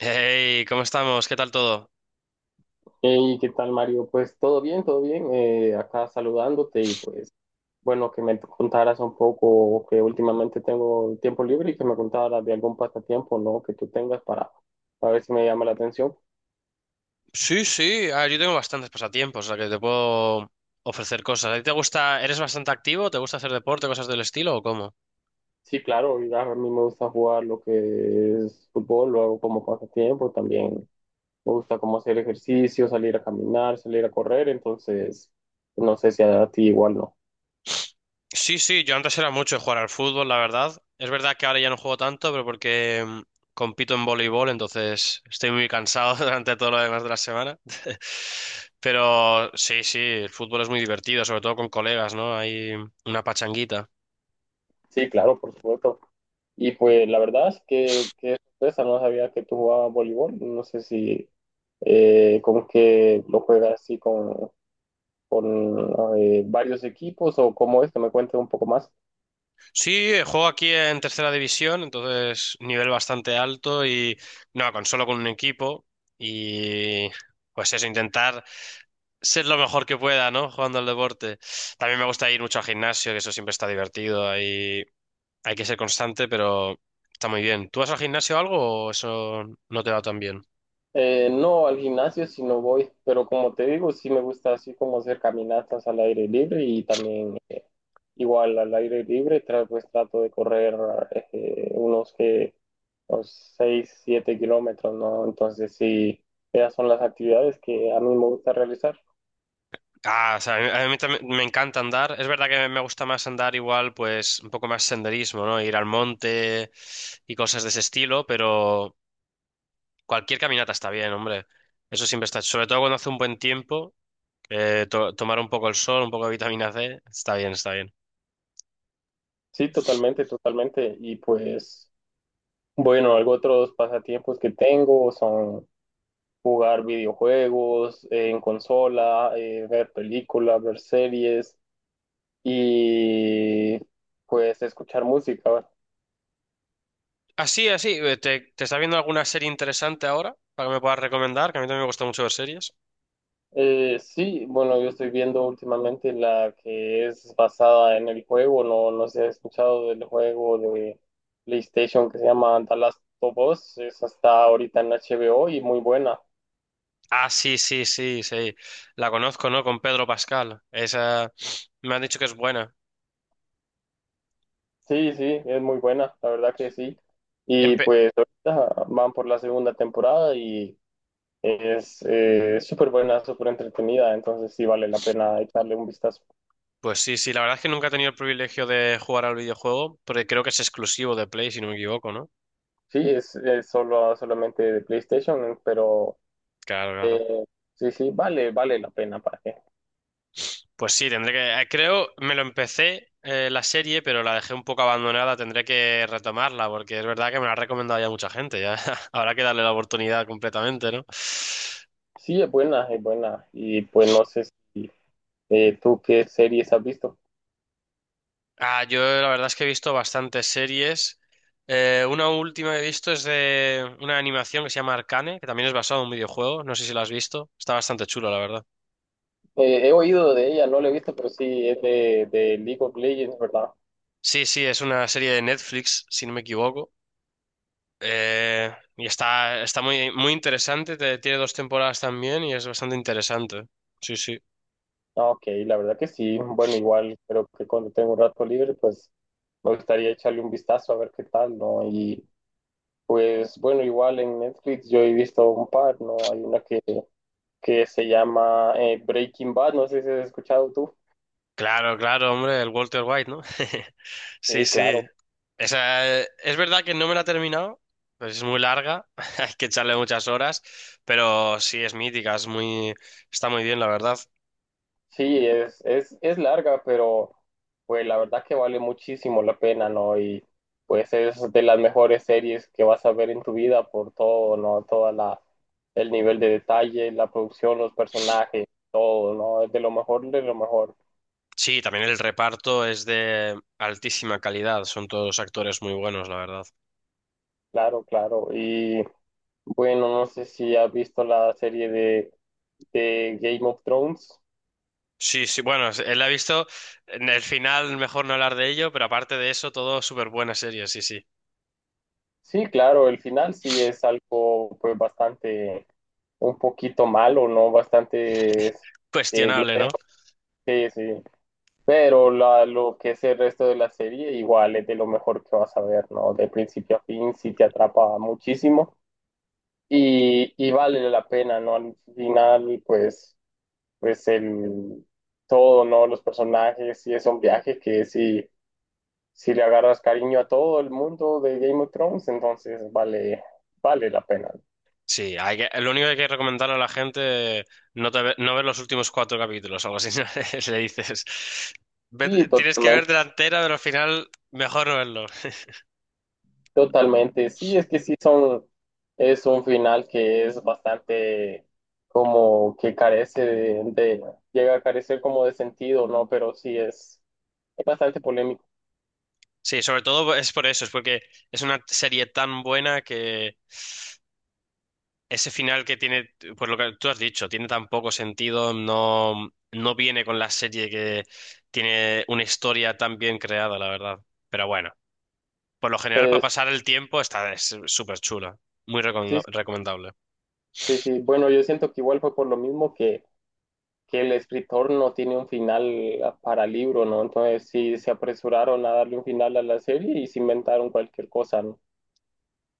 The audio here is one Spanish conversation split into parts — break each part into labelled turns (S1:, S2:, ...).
S1: Hey, ¿cómo estamos? ¿Qué tal todo?
S2: Hey, ¿qué tal, Mario? Pues todo bien, todo bien. Acá saludándote y pues bueno, que me contaras un poco que últimamente tengo tiempo libre y que me contaras de algún pasatiempo, ¿no? Que tú tengas para ver si me llama la atención.
S1: Sí, sí, yo tengo bastantes pasatiempos, o sea que te puedo ofrecer cosas. ¿A ti te gusta, eres bastante activo? ¿Te gusta hacer deporte, cosas del estilo o cómo?
S2: Sí, claro, y a mí me gusta jugar lo que es fútbol, lo hago como pasatiempo también. Me gusta como hacer ejercicio, salir a caminar, salir a correr, entonces no sé si a ti igual no.
S1: Sí, sí, yo antes era mucho de jugar al fútbol, la verdad. Es verdad que ahora ya no juego tanto, pero porque compito en voleibol, entonces estoy muy cansado durante todo lo demás de la semana. Pero sí, sí, el fútbol es muy divertido, sobre todo con colegas, ¿no? Hay una pachanguita.
S2: Sí, claro, por supuesto. Y pues la verdad es que sorpresa, no sabía que tú jugabas voleibol, no sé si como que lo juegas así con varios equipos o cómo es, que me cuentes un poco más.
S1: Sí, juego aquí en tercera división, entonces nivel bastante alto y no, con solo con un equipo y pues eso, intentar ser lo mejor que pueda, ¿no? Jugando al deporte. También me gusta ir mucho al gimnasio, que eso siempre está divertido, ahí hay que ser constante, pero está muy bien. ¿Tú vas al gimnasio o algo o eso no te va tan bien?
S2: No al gimnasio si no voy, pero como te digo, sí me gusta así como hacer caminatas al aire libre y también igual al aire libre, pues trato de correr eh, unos que unos 6 7 kilómetros, ¿no? Entonces sí, esas son las actividades que a mí me gusta realizar.
S1: Ah, o sea, a mí también me encanta andar. Es verdad que me gusta más andar igual, pues un poco más senderismo, ¿no? Ir al monte y cosas de ese estilo, pero... Cualquier caminata está bien, hombre. Eso siempre está. Sobre todo cuando hace un buen tiempo, tomar un poco el sol, un poco de vitamina C, está bien, está bien.
S2: Sí, totalmente, totalmente. Y pues, bueno, algo otros pasatiempos que tengo son jugar videojuegos en consola, ver películas, ver series y pues escuchar música.
S1: Así, así, te estás viendo alguna serie interesante ahora para que me puedas recomendar? Que a mí también me gusta mucho ver series.
S2: Sí, bueno, yo estoy viendo últimamente la que es basada en el juego, no, no sé si has escuchado del juego de PlayStation que se llama The Last of Us, esa está ahorita en HBO y muy buena.
S1: Ah, sí, sí, sí, sí. La conozco, ¿no? Con Pedro Pascal. Esa me han dicho que es buena.
S2: Sí, sí, es muy buena, la verdad que sí. Y
S1: Empe-
S2: pues ahorita van por la segunda temporada y es súper buena, súper entretenida, entonces sí vale la pena echarle un vistazo.
S1: pues sí, sí, la verdad es que nunca he tenido el privilegio de jugar al videojuego, porque creo que es exclusivo de Play, si no me equivoco, ¿no?
S2: Sí, es solo, solamente de PlayStation, pero
S1: Claro, claro.
S2: eh, sí, sí, vale la pena para qué.
S1: Pues sí, tendré que. Creo, me lo empecé la serie, pero la dejé un poco abandonada. Tendré que retomarla, porque es verdad que me la ha recomendado ya mucha gente. Ya habrá que darle la oportunidad completamente, ¿no?
S2: Sí, es buena, es buena. Y pues no sé si tú qué series has visto.
S1: Ah, yo la verdad es que he visto bastantes series. Una última que he visto es de una animación que se llama Arcane, que también es basado en un videojuego. No sé si la has visto. Está bastante chulo, la verdad.
S2: He oído de ella, no la he visto, pero sí es de League of Legends, ¿verdad?
S1: Sí, sí, es una serie de Netflix, si no me equivoco. Y está, está muy, muy interesante, tiene dos temporadas también y es bastante interesante. Sí, sí.
S2: Ah, Ok, la verdad que sí. Bueno, igual creo que cuando tengo un rato libre, pues me gustaría echarle un vistazo a ver qué tal, ¿no? Y pues bueno, igual en Netflix yo he visto un par, ¿no? Hay una que se llama Breaking Bad, no sé si has escuchado tú.
S1: Claro, claro, hombre, el Walter White, ¿no? Sí,
S2: Sí,
S1: sí.
S2: claro.
S1: Esa, es verdad que no me la he terminado, pues es muy larga, hay que echarle muchas horas, pero sí, es mítica, es muy, está muy bien, la verdad.
S2: Sí, es larga, pero pues la verdad que vale muchísimo la pena, ¿no? Y pues es de las mejores series que vas a ver en tu vida por todo, ¿no? El nivel de detalle, la producción, los personajes, todo, ¿no? Es de lo mejor, de lo mejor.
S1: Sí, también el reparto es de altísima calidad, son todos actores muy buenos, la verdad.
S2: Claro, claro. Y bueno, no sé si has visto la serie de Game of Thrones.
S1: Sí, sí, bueno, él la ha visto en el final, mejor no hablar de ello, pero aparte de eso, todo súper buena serie, sí, sí.
S2: Sí, claro, el final sí es algo pues bastante un poquito malo, ¿no? Bastante
S1: Cuestionable, ¿no?
S2: glorioso, sí, sí. Pero lo que es el resto de la serie, igual es de lo mejor que vas a ver, ¿no? De principio a fin, sí te atrapa muchísimo y vale la pena, ¿no? Al final, pues, pues el todo, ¿no? Los personajes, sí es un viaje que sí, si le agarras cariño a todo el mundo de Game of Thrones, entonces vale la pena.
S1: Sí, hay que, lo único que hay que recomendar a la gente, no, no ver los últimos cuatro capítulos, algo así, ¿no? le dices.
S2: Sí,
S1: Tienes que ver
S2: totalmente.
S1: delantera, pero al final, mejor no verlo.
S2: Totalmente, sí, es que sí son, es un final que es bastante como que carece llega a carecer como de sentido, ¿no? Pero sí es bastante polémico.
S1: Sí, sobre todo es por eso, es porque es una serie tan buena que. Ese final que tiene, pues lo que tú has dicho, tiene tan poco sentido, no, no viene con la serie que tiene una historia tan bien creada, la verdad. Pero bueno, por lo general para
S2: Es-
S1: pasar el tiempo está es súper chula,
S2: sí,
S1: recomendable.
S2: sí, sí. Bueno, yo siento que igual fue por lo mismo que el escritor no tiene un final para libro, ¿no? Entonces sí se apresuraron a darle un final a la serie y se inventaron cualquier cosa, ¿no?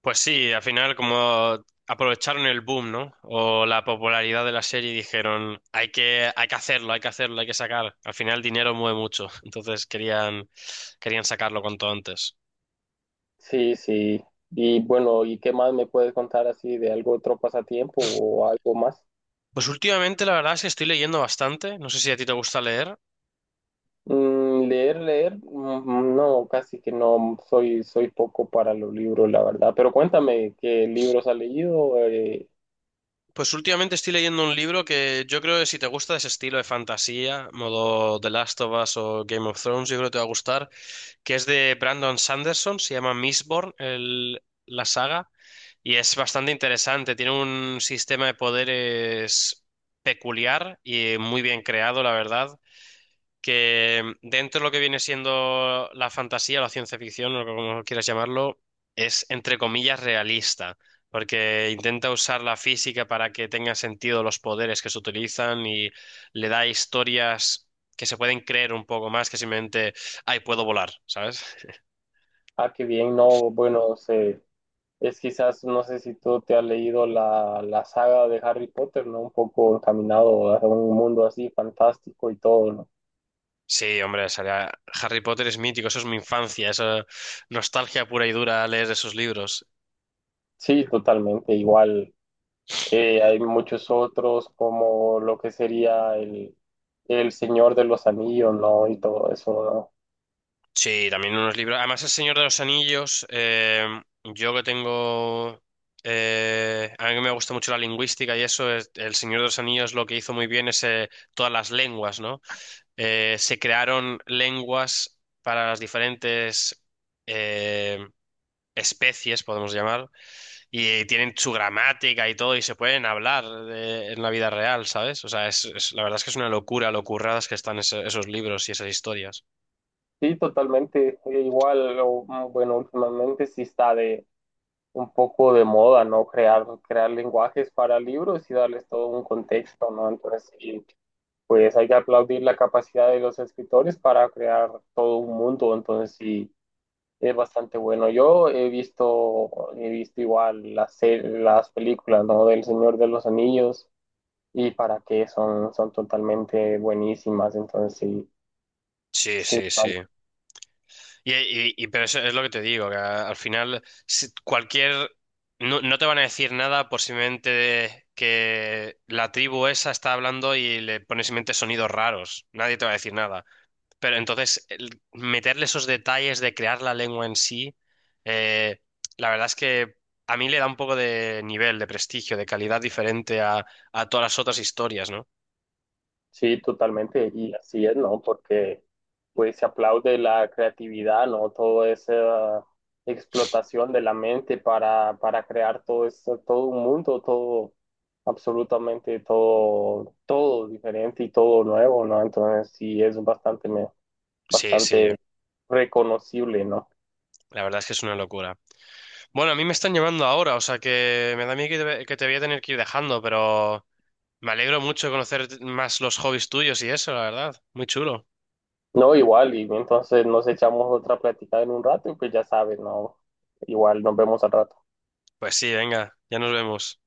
S1: Pues sí, al final como aprovecharon el boom, ¿no? O la popularidad de la serie y dijeron, hay que hacerlo, hay que hacerlo, hay que sacar. Al final el dinero mueve mucho, entonces querían, querían sacarlo cuanto antes.
S2: Sí, sí. Y bueno, ¿y qué más me puedes contar así de algo otro pasatiempo o algo más?
S1: Pues últimamente la verdad es que estoy leyendo bastante, no sé si a ti te gusta leer,
S2: Mm, leer, mm, no, casi que no, soy poco para los libros, la verdad. Pero cuéntame, ¿qué libros has leído?
S1: pues últimamente estoy leyendo un libro que yo creo que si te gusta ese estilo de fantasía, modo The Last of Us o Game of Thrones, yo creo que te va a gustar, que es de Brandon Sanderson, se llama Mistborn, la saga, y es bastante interesante, tiene un sistema de poderes peculiar y muy bien creado, la verdad. Que dentro de lo que viene siendo la fantasía, la ciencia ficción, o como quieras llamarlo, es entre comillas realista, porque intenta usar la física para que tengan sentido los poderes que se utilizan y le da historias que se pueden creer un poco más que simplemente, ay, puedo volar, ¿sabes?
S2: Ah, qué bien, no, bueno, sé, es quizás, no sé si tú te has leído la saga de Harry Potter, ¿no? Un poco encaminado a un mundo así fantástico y todo, ¿no?
S1: Sí, hombre, Harry Potter es mítico, eso es mi infancia, eso nostalgia pura y dura leer esos libros.
S2: Sí, totalmente, igual. Hay muchos otros como lo que sería el Señor de los Anillos, ¿no? Y todo eso, ¿no?
S1: Sí, también unos libros. Además, El Señor de los Anillos, yo que tengo... A mí que me gusta mucho la lingüística y eso, El Señor de los Anillos lo que hizo muy bien es todas las lenguas, ¿no? Se crearon lenguas para las diferentes eh, especies, podemos llamar, y tienen su gramática y todo, y se pueden hablar en la vida real, ¿sabes? O sea, la verdad es que es una locura lo curradas que están esos libros y esas historias.
S2: Sí, totalmente. Bueno, últimamente sí está de un poco de moda, ¿no? Crear lenguajes para libros y darles todo un contexto, ¿no? Entonces, sí, pues hay que aplaudir la capacidad de los escritores para crear todo un mundo, entonces sí, es bastante bueno. He visto igual las películas, ¿no? Del Señor de los Anillos y para qué son, son totalmente buenísimas, entonces sí.
S1: Sí,
S2: Sí,
S1: sí, sí. Y, pero eso es lo que te digo, que al final cualquier... No, no te van a decir nada por simplemente que la tribu esa está hablando y le pones simplemente sonidos raros. Nadie te va a decir nada. Pero entonces meterle esos detalles de crear la lengua en sí, eh, la verdad es que a mí le da un poco de nivel, de prestigio, de calidad diferente a todas las otras historias, ¿no?
S2: Sí, totalmente, y así es, ¿no? Porque pues se aplaude la creatividad, ¿no? Toda esa explotación de la mente para crear todo esto, todo un mundo, todo, absolutamente todo, todo diferente y todo nuevo, ¿no? Entonces sí es bastante,
S1: Sí, sí,
S2: bastante reconocible, ¿no?
S1: la verdad es que es una locura. Bueno, a mí me están llamando ahora, o sea que me da miedo que que te voy a tener que ir dejando, pero me alegro mucho de conocer más los hobbies tuyos y eso, la verdad. Muy chulo.
S2: No, igual, y entonces nos echamos otra plática en un rato y pues ya sabes, ¿no? Igual nos vemos al rato.
S1: Pues sí, venga, ya nos vemos.